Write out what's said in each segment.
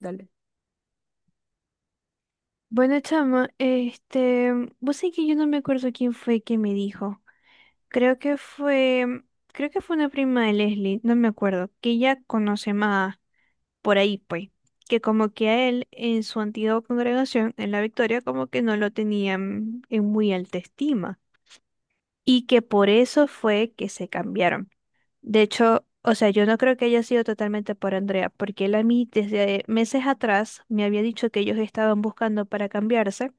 Dale. Bueno, chama, vos sabés que yo no me acuerdo quién fue que me dijo. Creo que fue, creo que fue una prima de Leslie, no me acuerdo, que ella conoce más por ahí, pues, que como que a él en su antigua congregación, en la Victoria, como que no lo tenían en muy alta estima y que por eso fue que se cambiaron. De hecho, o sea, yo no creo que haya sido totalmente por Andrea, porque él a mí desde meses atrás me había dicho que ellos estaban buscando para cambiarse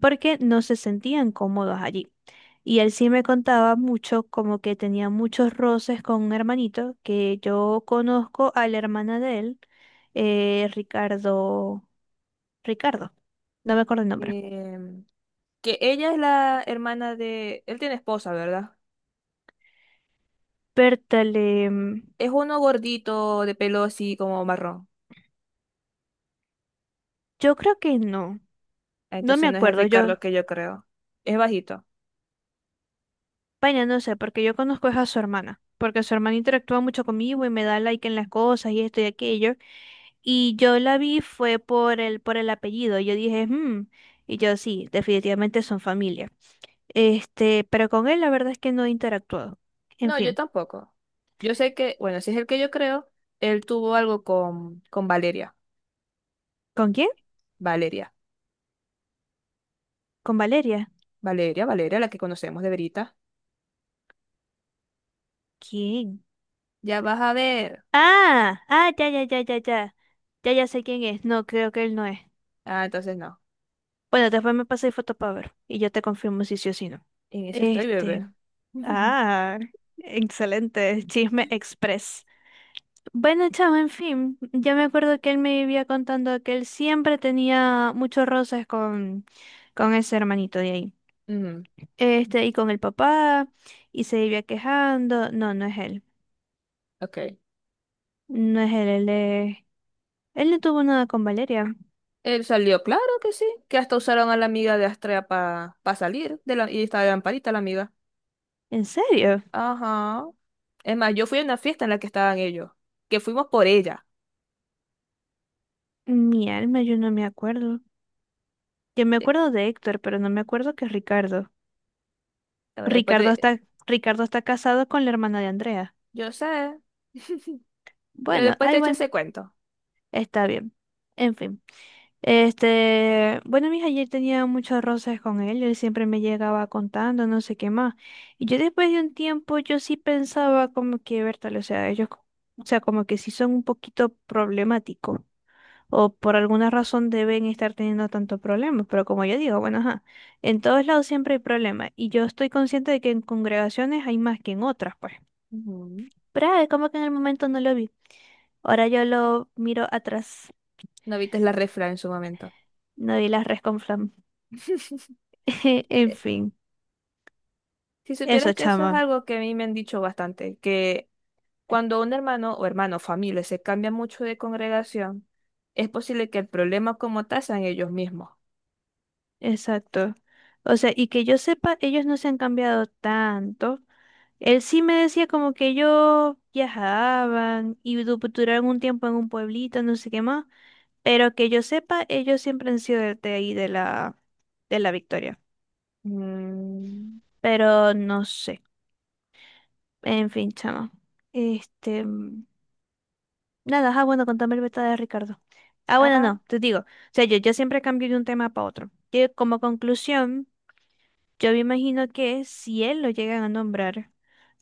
porque no se sentían cómodos allí. Y él sí me contaba mucho, como que tenía muchos roces con un hermanito, que yo conozco a la hermana de él, eh, Ricardo, Ricardo, no me acuerdo el nombre. Em, que ella es la hermana de... Él tiene esposa, ¿verdad? pértale mm, Es uno gordito, de pelo así como marrón. yo creo que no, no me Entonces no es el acuerdo, yo. Ricardo que yo creo. Es bajito. Vaya, no sé, porque yo conozco es a su hermana, porque su hermana interactúa mucho conmigo y me da like en las cosas y esto y aquello. Y yo la vi fue por el apellido. Yo dije, y yo sí, definitivamente son familia. Pero con él la verdad es que no he interactuado. En No, yo fin. tampoco. Yo sé que, bueno, si es el que yo creo, él tuvo algo con Valeria. ¿Con quién? Valeria. ¿Con Valeria? Valeria, Valeria, la que conocemos de Verita. ¿Quién? Ya vas a ver. Ah, ah, ya, ya, ya, ya, ya. Ya, ya sé quién es. No, creo que él no es. Ah, entonces no. Bueno, después me pasé foto para ver. Y yo te confirmo si sí o si no. En eso estoy, bebé. Este. Ujú, Ah, excelente. Chisme Express. Bueno, chamo, en fin, yo me acuerdo que él me vivía contando que él siempre tenía muchos roces con ese hermanito de ahí. Y con el papá, y se vivía quejando. No, no es él. ok. No es él, él no tuvo nada con Valeria. Él salió, claro que sí, que hasta usaron a la amiga de Astrea para salir de la, y estaba de lamparita la amiga. ¿En serio? Ajá. Es más, yo fui a una fiesta en la que estaban ellos, que fuimos por ella. Mi alma, yo no me acuerdo. Yo me Eh, acuerdo de Héctor, pero no me acuerdo que es Ricardo. bueno, después Ricardo de, está, Ricardo está casado con la hermana de Andrea. yo sé, pero Bueno, después te ay, echo bueno. ese cuento. Está bien. En fin. Bueno, mis ayer tenía muchos roces con él, él siempre me llegaba contando, no sé qué más. Y yo después de un tiempo, yo sí pensaba como que, Bertal, o sea, o sea, como que sí son un poquito problemáticos. O por alguna razón deben estar teniendo tantos problemas. Pero como yo digo, bueno, ajá, en todos lados siempre hay problemas. Y yo estoy consciente de que en congregaciones hay más que en otras, pues. Ujú. Pero es como que en el momento no lo vi. Ahora yo lo miro atrás. No viste la refra en su momento. No di las res con flan. En Eh, fin, Si supieras eso, que eso es chama. algo que a mí me han dicho bastante, que cuando un hermano o hermano, familia, se cambia mucho de congregación, es posible que el problema como tal sean ellos mismos. Exacto. O sea, y que yo sepa, ellos no se han cambiado tanto. Él sí me decía como que ellos viajaban y duraron un tiempo en un pueblito, no sé qué más. Pero que yo sepa, ellos siempre han sido de ahí, de la Victoria. Mm, Pero no sé. En fin, chama. Este. mm, Nada, bueno, contame el beta de Ricardo. Ah, bueno, ah, no, te digo. O sea, yo siempre cambio de un tema para otro. Que como conclusión, yo me imagino que si él lo llegan a nombrar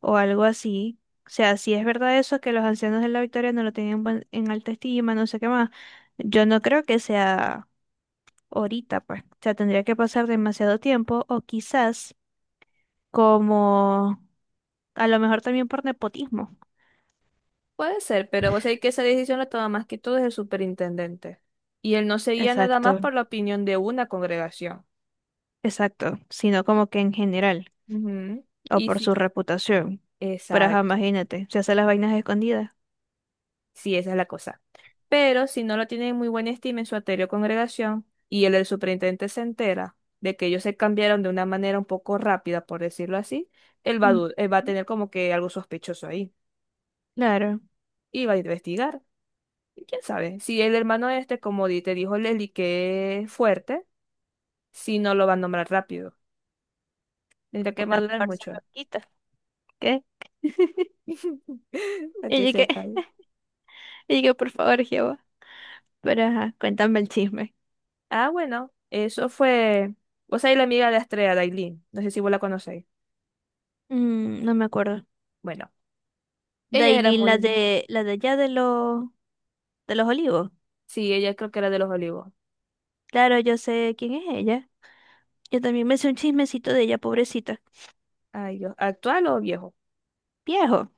o algo así, o sea, si es verdad eso, que los ancianos de la Victoria no lo tenían en alta estima, no sé qué más, yo no creo que sea ahorita, pues. O sea, tendría que pasar demasiado tiempo o quizás como a lo mejor también por nepotismo. puede ser, pero vos sabés que esa decisión la toma más que todo es el superintendente. Y él no se guía nada más Exacto, por la opinión de una congregación. exacto, sino como que en general, Ujú. o Y por sí, su reputación. Pero ajá, exacto. imagínate, se hace las vainas escondidas. Sí, esa es la cosa. Pero si no lo tienen en muy buena estima en su anterior congregación y él, el superintendente, se entera de que ellos se cambiaron de una manera un poco rápida, por decirlo así, él va a, Mm, él va a tener como que algo sospechoso ahí Claro, y va a investigar. Y ¿quién sabe? Si el hermano este, como te dijo Leli, que es fuerte, si no lo va a nombrar rápido. Tendrá que una madurar parce mucho. loquita. ¿Qué? Para Y que yo que, sepa. y yo, por favor, Jehová. Pero ajá, cuéntame el chisme. Ah, bueno, eso fue. Vos sabés la amiga de Estrella, Dailin. No sé si vos la conocéis. Mm, no me acuerdo. Bueno, ella era Dailin, muy. La de allá de los olivos. Sí, ella creo que era de los Olivos. Claro, yo sé quién es ella. Yo también me sé un chismecito de ella, pobrecita. Ay, Dios. ¿Actual o viejo? Viejo.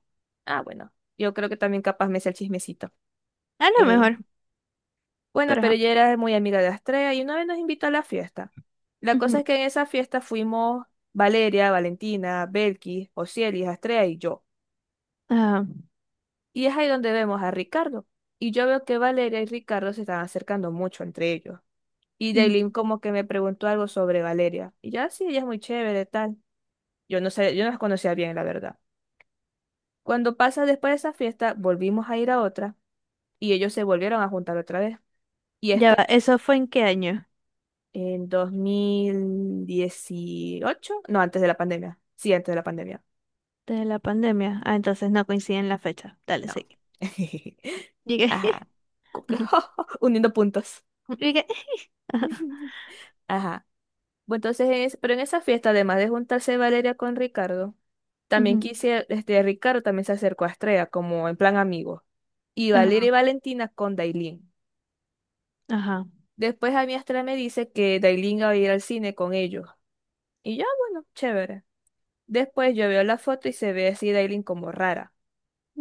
Ah, bueno. Yo creo que también capaz me sé el chismecito. A lo Eh, mejor, Bueno, pero pero ajá. ella era muy amiga de Astrea y una vez nos invitó a la fiesta. La Ujú. cosa es que en esa fiesta fuimos Valeria, Valentina, Belkis, Osiris, Astrea y yo. Ajá. Y es ahí donde vemos a Ricardo. Y yo veo que Valeria y Ricardo se están acercando mucho entre ellos. Y Mm. Daylin como que me preguntó algo sobre Valeria. Y ya sí, ella es muy chévere, tal. Yo no sé, yo no las conocía bien, la verdad. Cuando pasa después de esa fiesta, volvimos a ir a otra y ellos se volvieron a juntar otra vez. Y Ya esta va, ¿eso fue en qué año? en 2018, no, antes de la pandemia. Sí, antes de la pandemia. De la pandemia. Ah, entonces no coinciden la fecha. Dale, No. sí. Llegué. Ajá. Como que, Ajá. uniendo puntos. Llegué. Ajá. Ajá. Bueno, entonces, pero en esa fiesta, además de juntarse Valeria con Ricardo, también Ujú. quise, este, Ricardo también se acercó a Estrella, como en plan amigo. Y Valeria Ajá. y Valentina con Dailin. Ajá. Después a mí Estrella me dice que Dailin va a ir al cine con ellos. Y ya, bueno, chévere. Después yo veo la foto y se ve así Dailin como rara.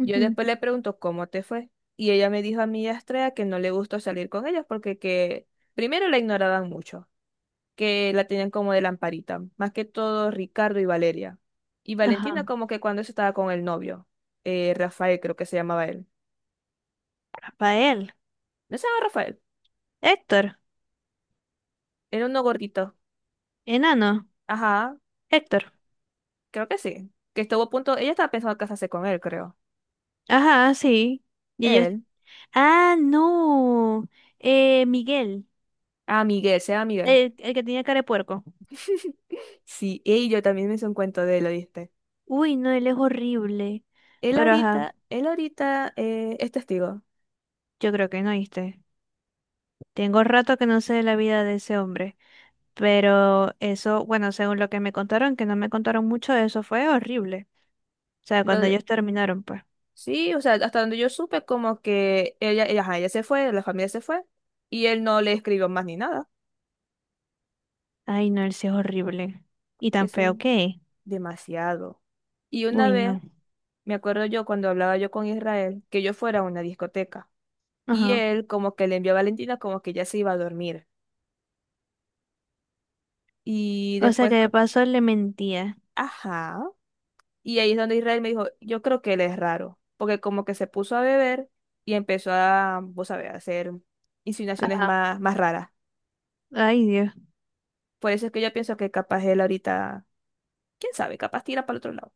Yo después le pregunto cómo te fue. Y ella me dijo a mi Astrea que no le gustó salir con ellos porque que primero la ignoraban mucho, que la tenían como de lamparita, más que todo Ricardo y Valeria. Y Valentina Ajá. como que cuando eso estaba con el novio, Rafael creo que se llamaba él. Rafael. ¿No se llama Rafael? Héctor. Era uno gordito. Enano. Ajá, Héctor. creo que sí. Que estuvo a punto, ella estaba pensando casarse con él, creo. Ajá, sí. Y ellos. Él. Ah, no. Miguel. Ah, Miguel, se llama Miguel. El que tenía cara de puerco. Sí, y yo también me hice un cuento de él, ¿lo viste? Uy, no, él es horrible. Pero ajá, Él ahorita es testigo. yo creo que no oíste. Tengo rato que no sé de la vida de ese hombre. Pero eso, bueno, según lo que me contaron, que no me contaron mucho, eso fue horrible. O sea, Lo cuando de- ellos terminaron, pues. sí, o sea, hasta donde yo supe, como que ella, ajá, ella se fue, la familia se fue, y él no le escribió más ni nada, Ay, no, él sí es horrible. Y que tan es feo que es. demasiado. Y una Uy, vez, no. me acuerdo yo cuando hablaba yo con Israel, que yo fuera a una discoteca, y Ajá. él como que le envió a Valentina como que ya se iba a dormir. Y O sea después, que de paso le mentía. ajá. Y ahí es donde Israel me dijo, yo creo que él es raro, porque como que se puso a beber y empezó a, vos sabés, a hacer insinuaciones Ajá. Más raras. Ay, Dios. Por eso es que yo pienso que capaz él ahorita, quién sabe, capaz tira para el otro lado.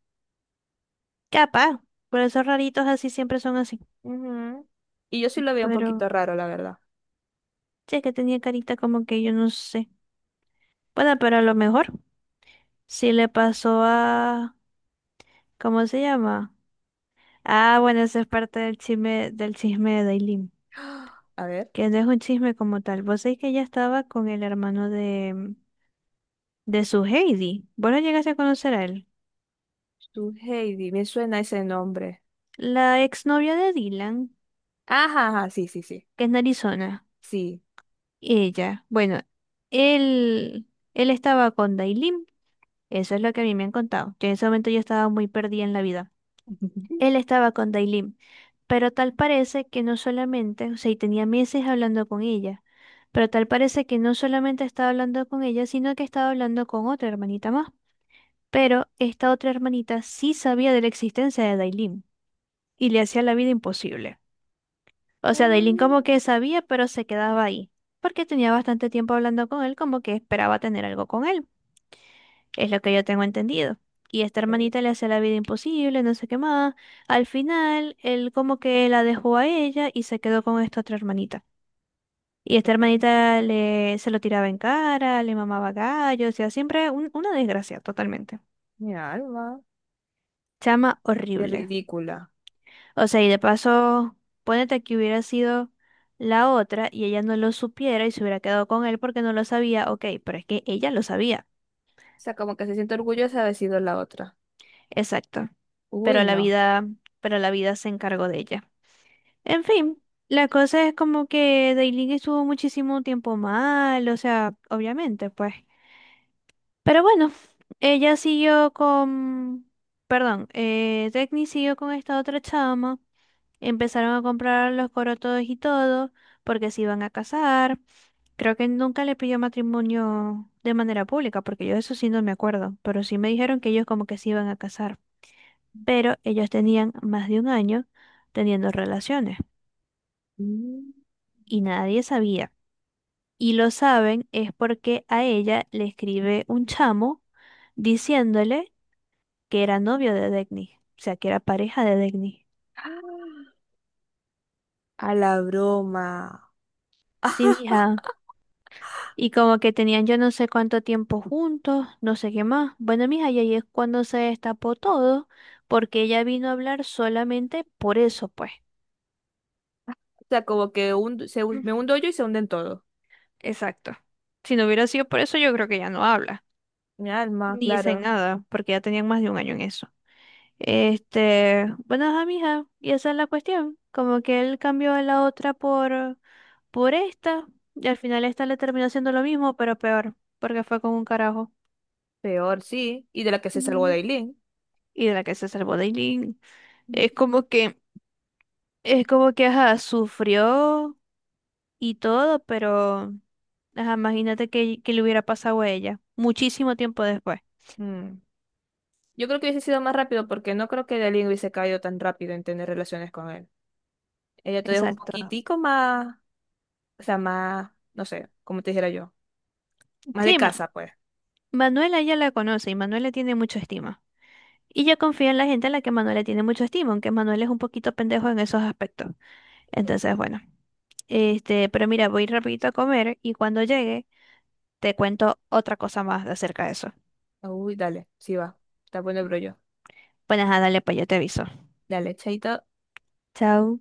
Capaz. Por esos raritos así siempre son así. Ujú. Y yo sí lo veo un Pero, poquito raro, la verdad. che, que tenía carita como que yo no sé. Bueno, pero a lo mejor. Sí le pasó a. ¿Cómo se llama? Ah, bueno, esa es parte del chisme de Dailin. A ver, Que no es un chisme como tal. Vos sabés que ella estaba con el hermano de su Heidi. ¿Vos lo llegaste a conocer a él? su Heidi, me suena ese nombre. La exnovia de Dylan, Ajá, ajá, sí, sí, sí, que es de Arizona, sí. ella, bueno, él, él estaba con Dailin, eso es lo que a mí me han contado. Yo en ese momento yo estaba muy perdida en la vida. Él estaba con Dailin, pero tal parece que no solamente, o sea, y tenía meses hablando con ella, pero tal parece que no solamente estaba hablando con ella, sino que estaba hablando con otra hermanita más. Pero esta otra hermanita sí sabía de la existencia de Dailin y le hacía la vida imposible. O sea, Dailin como Mm, que sabía, pero se quedaba ahí, porque tenía bastante tiempo hablando con él, como que esperaba tener algo con él, es lo que yo tengo entendido. Y esta Ok, hermanita le hace la vida imposible, no sé qué más. Al final, él como que la dejó a ella y se quedó con esta otra hermanita. Y esta ok. hermanita le, se lo tiraba en cara, le mamaba gallo, o sea, siempre una desgracia totalmente. Mi alma, Chama qué horrible. ridícula. O sea, y de paso, ponete que hubiera sido la otra y ella no lo supiera y se hubiera quedado con él porque no lo sabía, ok, pero es que ella lo sabía. O sea, como que se siente orgullosa de haber sido la otra. Exacto. Uy, Pero la no. vida, pero la vida se encargó de ella. En fin, la cosa es como que Dailin estuvo muchísimo tiempo mal, o sea, obviamente, pues. Pero bueno, ella siguió con, perdón, Dagny siguió con esta otra chama. Empezaron a comprar los corotos y todo, porque se iban a casar. Creo que nunca le pidió matrimonio de manera pública, porque yo eso sí no me acuerdo, pero sí me dijeron que ellos como que se iban a casar. Pero ellos tenían más de un año teniendo relaciones Mm. y nadie sabía. Y lo saben es porque a ella le escribe un chamo diciéndole que era novio de Degni, o sea, que era pareja de Degni. ¡Ah! A la broma. Sí, mija, y como que tenían yo no sé cuánto tiempo juntos, no sé qué más. Bueno, mija, y ahí es cuando se destapó todo, porque ella vino a hablar solamente por eso, pues. O sea, como que Mm. me hundo yo y se hunden todos. Exacto. Si no hubiera sido por eso, yo creo que ya no habla. Mi alma, Ni dicen claro. nada, porque ya tenían más de un año en eso. Bueno, ajá, mija, y esa es la cuestión. Como que él cambió a la otra por esta, y al final esta le terminó haciendo lo mismo, pero peor, porque fue con un carajo. Peor, sí. Y de la que se salvó Ujú. Dailin. Y de la que se salvó Dailin. Es como que, es como que, ajá, sufrió y todo, pero, ajá, imagínate que le hubiera pasado a ella muchísimo tiempo después. Mm. Yo creo que hubiese sido más rápido porque no creo que Dailin hubiese caído tan rápido en tener relaciones con él. Ella todavía es un Exacto. poquitico más, o sea, más, no sé, como te dijera yo. Más de Sí, casa, pues. Manuela ya la conoce y Manuela tiene mucha estima. Y yo confío en la gente a la que Manuela tiene mucha estima, aunque Manuel es un poquito pendejo en esos aspectos. Entonces, bueno, pero mira, voy rapidito a comer y cuando llegue te cuento otra cosa más acerca de eso. Uy, dale, sí va. Está bueno el brollo. Bueno, ajá, dale, pues yo te aviso. Dale, chaito. Chao.